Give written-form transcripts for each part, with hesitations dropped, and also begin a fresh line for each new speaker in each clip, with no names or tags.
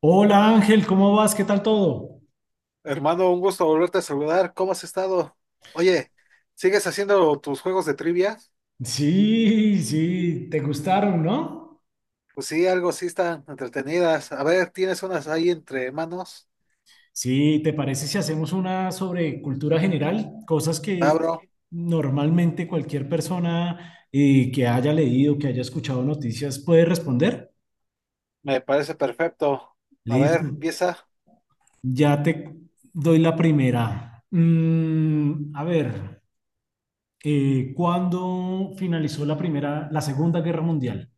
Hola Ángel, ¿cómo vas? ¿Qué tal todo?
Hermano, un gusto volverte a saludar. ¿Cómo has estado? Oye, ¿sigues haciendo tus juegos de trivia?
Sí, sí, te gustaron, ¿no?
Pues sí, algo sí están entretenidas. A ver, ¿tienes unas ahí entre manos?
Sí, ¿te parece si hacemos una sobre cultura general? Cosas
Va,
que
bro.
normalmente cualquier persona que haya leído, que haya escuchado noticias puede responder.
Me parece perfecto. A ver,
Listo.
empieza.
Ya te doy la primera. A ver, ¿cuándo finalizó la primera, la Segunda Guerra Mundial?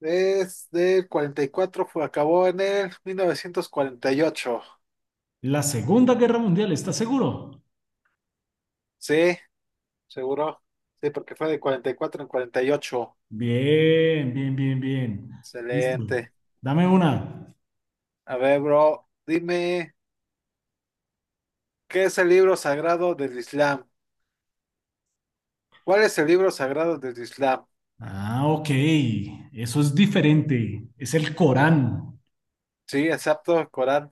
Desde el 44 fue, acabó en el 1948.
La Segunda Guerra Mundial, ¿estás seguro?
Sí, seguro. Sí, porque fue de 44 en 48.
Bien, bien, bien, bien. Listo.
Excelente.
Dame una.
A ver, bro, dime, ¿qué es el libro sagrado del Islam? ¿Cuál es el libro sagrado del Islam?
Ah, ok. Eso es diferente. Es el Corán.
Sí, exacto, el Corán.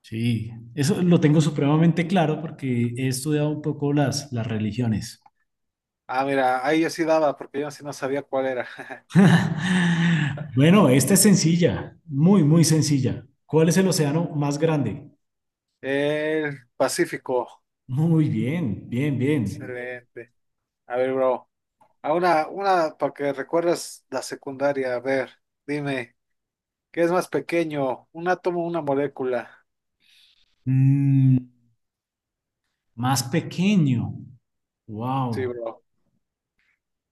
Sí, eso lo tengo supremamente claro porque he estudiado un poco las religiones.
Ah, mira, ahí yo sí daba, porque yo sí no sabía cuál era.
Bueno, esta es sencilla, muy, muy sencilla. ¿Cuál es el océano más grande?
El Pacífico.
Muy bien, bien, bien.
Excelente. A ver, bro. A una para que recuerdas la secundaria. A ver, dime, ¿qué es más pequeño? ¿Un átomo o una molécula?
Mm, más pequeño.
Sí,
Wow.
bro.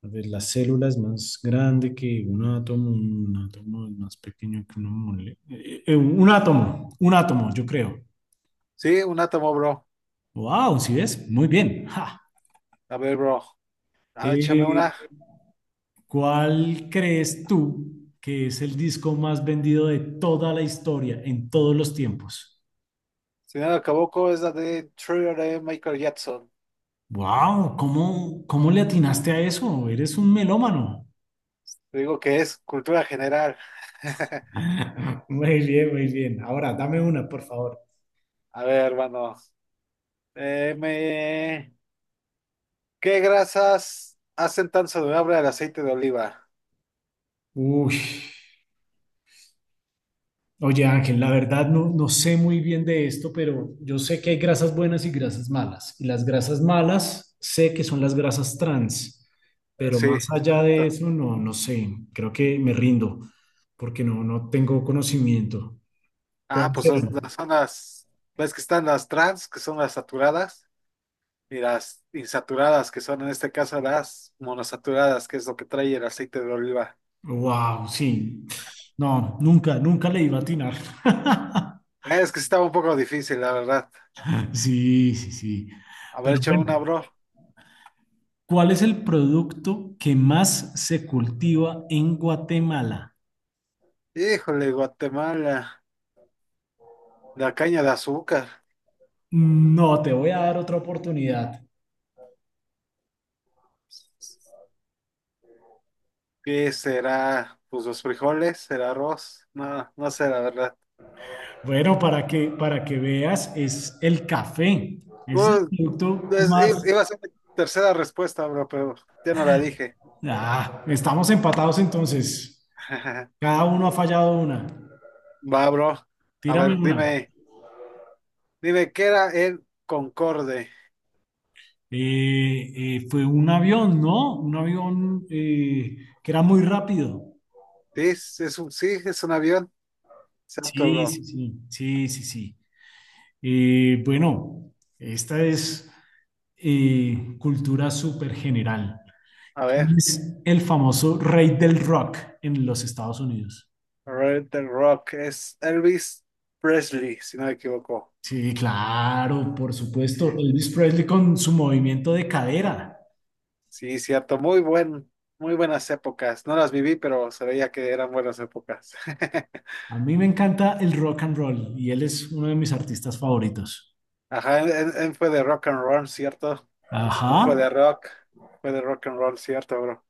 A ver, la célula es más grande que un átomo es más pequeño que una mole... un átomo, yo creo.
Sí, un átomo, bro.
Wow, ¿sí ves? Muy bien. Ja.
A ver, bro. Ah, échame
Eh,
una.
¿Cuál crees tú que es el disco más vendido de toda la historia, en todos los tiempos?
Si no la equivoco, es la de Thriller de Michael Jackson.
Wow, ¿cómo, cómo le atinaste a eso? Eres un melómano.
Te digo que es cultura general.
Muy bien, muy bien. Ahora, dame una, por favor.
A ver, hermano. Eh, me... ¿Qué grasas hacen tan saludable el aceite de oliva?
Uy. Oye, Ángel, la verdad no, no sé muy bien de esto, pero yo sé que hay grasas buenas y grasas malas. Y las grasas malas sé que son las grasas trans, pero
Sí,
más allá de
exacto.
eso no, no sé. Creo que me rindo porque no, no tengo conocimiento.
Ah,
¿Cuáles
pues son
eran?
son las, ves que están las trans, que son las saturadas, y las insaturadas, que son en este caso las monosaturadas, que es lo que trae el aceite de oliva.
Wow, sí. No, nunca, nunca le iba a atinar.
Es que sí estaba un poco difícil, la verdad.
Sí, sí, sí.
A ver,
Pero
échame
bueno,
una, bro.
¿cuál es el producto que más se cultiva en Guatemala?
Híjole, Guatemala, la caña de azúcar.
No, te voy a dar otra oportunidad.
¿Qué será? Pues los frijoles, el arroz. No, no sé, la
Bueno, para que veas, es el café. Es el
verdad.
producto
Pues,
más...
iba a ser mi tercera respuesta, bro, pero ya no la dije.
Ah, estamos empatados entonces. Cada uno ha fallado una.
Va, bro. A
Tírame
ver,
una.
dime, dime, ¿qué era el Concorde?
Fue un avión, ¿no? Un avión que era muy rápido.
Sí, es un avión. Exacto,
Sí,
bro.
sí, sí, sí, sí, sí. Bueno, esta es cultura súper general.
A
¿Quién
ver,
es el famoso rey del rock en los Estados Unidos?
Red the Rock es Elvis Presley, si no me equivoco.
Sí, claro, por supuesto. Elvis Presley con su movimiento de cadera.
Sí, cierto, muy buenas épocas. No las viví, pero se veía que eran buenas épocas.
A mí me encanta el rock and roll y él es uno de mis artistas favoritos.
Ajá, él fue de rock and roll, ¿cierto?
Ajá.
No fue de rock, fue de rock and roll, ¿cierto, bro?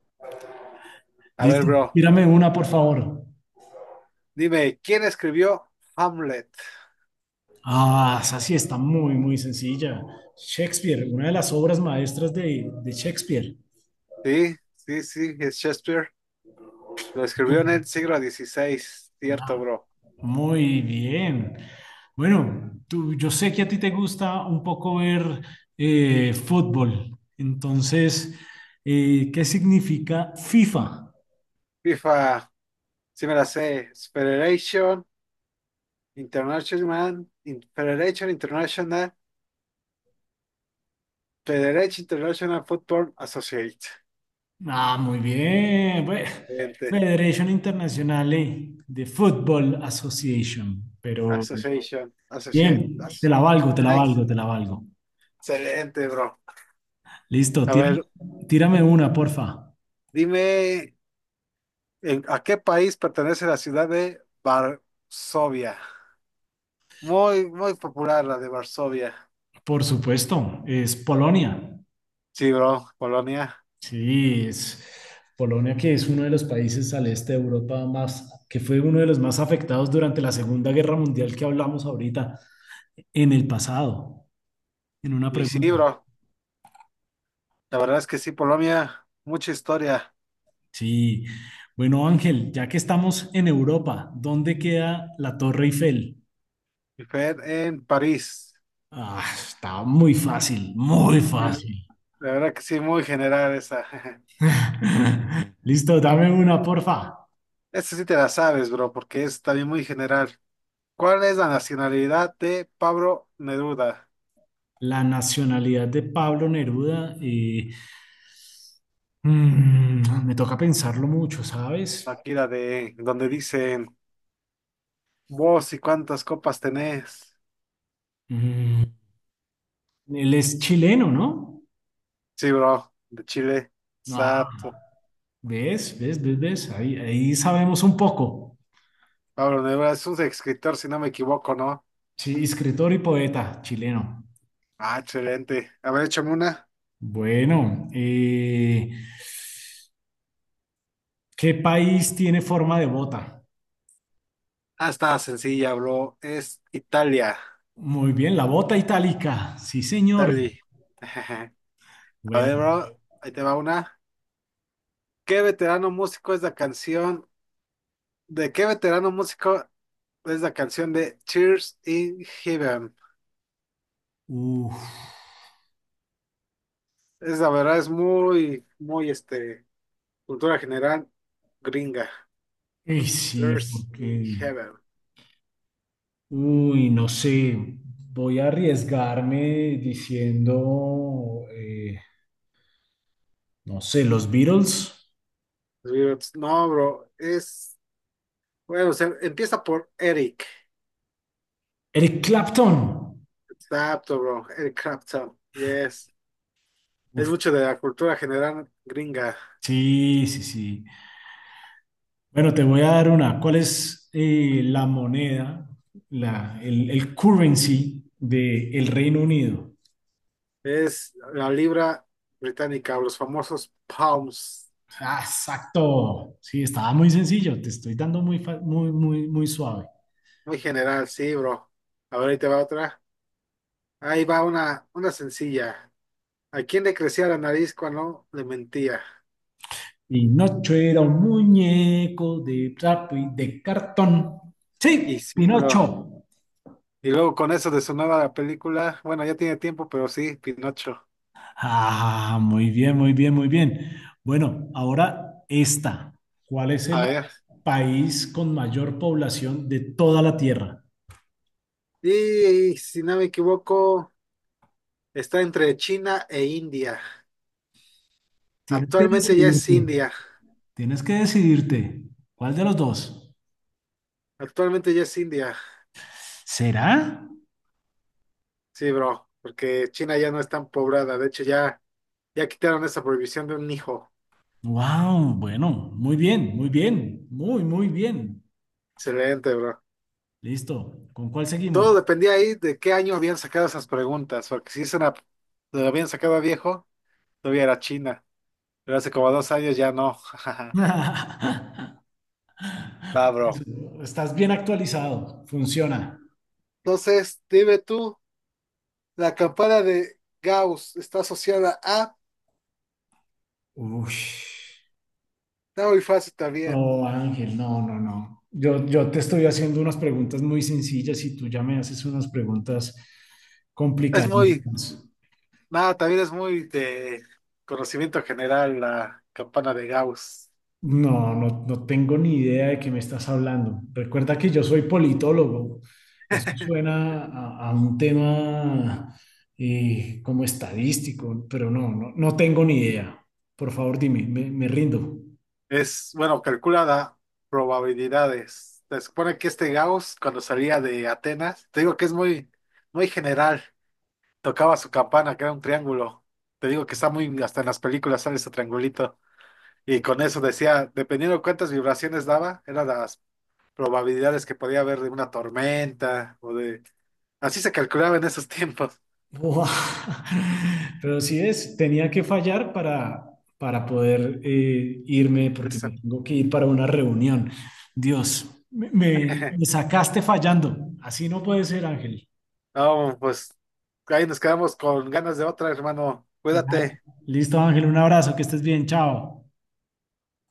A ver,
Listo.
bro.
Tírame una, por favor.
Dime, ¿quién escribió Hamlet?
Ah, esa sí está muy, muy sencilla. Shakespeare, una de las obras maestras de Shakespeare.
Sí, sí, sí, es Shakespeare. Lo escribió en el siglo XVI, cierto,
Ah,
bro.
muy bien. Bueno, tú, yo sé que a ti te gusta un poco ver fútbol. Entonces, ¿qué significa FIFA?
FIFA, sí me la sé. Federation International, Federation International, Federation International Football Associate.
Ah, muy bien. Bueno,
Excelente.
Federation Internazionale de Football Association. Pero
Association, Associate,
bien,
Associate. Nice.
te la valgo.
Excelente, bro.
Listo,
A ver,
tírame una, porfa.
dime, ¿a qué país pertenece la ciudad de Varsovia? Muy, muy popular la de Varsovia.
Por supuesto, es Polonia.
Sí, bro, Polonia.
Sí, es Polonia que es uno de los países al este de Europa más, que fue uno de los más afectados durante la Segunda Guerra Mundial que hablamos ahorita, en el pasado, en una
Y sí,
pregunta.
bro, la verdad es que sí, Polonia, mucha historia.
Sí, bueno Ángel, ya que estamos en Europa, ¿dónde queda la Torre Eiffel?
Y fue en París.
Ah, está muy fácil, muy
Y la
fácil.
verdad que sí, muy general esa.
Listo, dame una, porfa.
Esa sí te la sabes, bro, porque es también muy general. ¿Cuál es la nacionalidad de Pablo Neruda?
La nacionalidad de Pablo Neruda, mm, me toca pensarlo mucho, ¿sabes?
Aquí la de donde dicen vos y cuántas copas tenés.
Mm, él es chileno, ¿no?
Sí, bro, de Chile.
Ah,
Sapo.
¿ves? ¿Ves? ¿Ves? ¿Ves? Ahí, ahí sabemos un poco.
Pablo Neruda es un escritor, si no me equivoco, ¿no?
Sí, escritor y poeta chileno.
Ah, excelente. A ver, échame una.
Bueno, ¿qué país tiene forma de bota?
Ah, está sencilla, bro. Es Italia.
Muy bien, la bota itálica. Sí, señor.
Italia. A
Bueno,
ver, bro, ahí te va una. ¿Qué veterano músico es la canción? ¿De qué veterano músico es la canción de Cheers in Heaven?
uff.
Es la verdad, es muy, muy, cultura general gringa.
Ey, sí,
Cheers in
porque,
Heaven.
uy, no sé, voy a arriesgarme diciendo, no sé, los Beatles,
No, bro, es, bueno, o sea, empieza por Eric.
Eric Clapton.
Está apto, bro. Eric Clapton. Yes. Es mucho de la cultura general gringa.
Sí, sí, sí. Bueno, te voy a dar una. ¿Cuál es la moneda, el currency del Reino Unido?
Es la libra británica, los famosos pounds.
Ah, exacto. Sí, estaba muy sencillo. Te estoy dando muy, muy, muy, muy suave.
Muy general, sí, bro. A ver, ahí te va otra. Ahí va una sencilla. ¿A quién le crecía la nariz cuando le mentía?
Y Pinocho era un muñeco de trapo y de cartón.
Y
Sí,
sí, bro.
Pinocho.
Y luego con eso de su nueva película, bueno, ya tiene tiempo, pero sí, Pinocho.
Ah, muy bien, muy bien, muy bien. Bueno, ahora esta. ¿Cuál es
A
el
ver.
país con mayor población de toda la Tierra?
Y si no me equivoco, está entre China e India.
Tienes que
Actualmente ya es
decidirte.
India.
Tienes que decidirte. ¿Cuál de los dos?
Actualmente ya es India.
¿Será?
Sí, bro, porque China ya no es tan poblada. De hecho, ya quitaron esa prohibición de un hijo.
Wow, bueno, muy bien, muy bien, muy, muy bien.
Excelente, bro.
Listo. ¿Con cuál seguimos?
Todo dependía ahí de qué año habían sacado esas preguntas, porque si es una, lo habían sacado a viejo, todavía era China, pero hace como 2 años ya no. Va, bro.
Eso, estás bien actualizado. Funciona.
Entonces, dime tú, la campana de Gauss está asociada a...
Uf.
Está muy fácil también.
No, Ángel, no, no, no. Yo te estoy haciendo unas preguntas muy sencillas y tú ya me haces unas preguntas
Es muy...
complicadísimas.
Nada, también es muy de conocimiento general la campana de Gauss.
No, no, no tengo ni idea de qué me estás hablando. Recuerda que yo soy politólogo. Eso suena a un tema como estadístico, pero no, no, no tengo ni idea. Por favor, dime, me rindo.
Es, bueno, calculada probabilidades. Se supone que este Gauss, cuando salía de Atenas, te digo que es muy, muy general. Tocaba su campana, que era un triángulo. Te digo que está muy, hasta en las películas sale ese triangulito. Y con eso decía, dependiendo de cuántas vibraciones daba, eran las probabilidades que podía haber de una tormenta o de... Así se calculaba en esos tiempos.
Buah. Pero sí es, tenía que fallar para poder irme porque
Eso.
me tengo que ir para una reunión. Dios, me sacaste fallando. Así no puede ser, Ángel.
No, pues ahí nos quedamos con ganas de otra, hermano.
Ah,
Cuídate.
listo, Ángel, un abrazo, que estés bien, chao.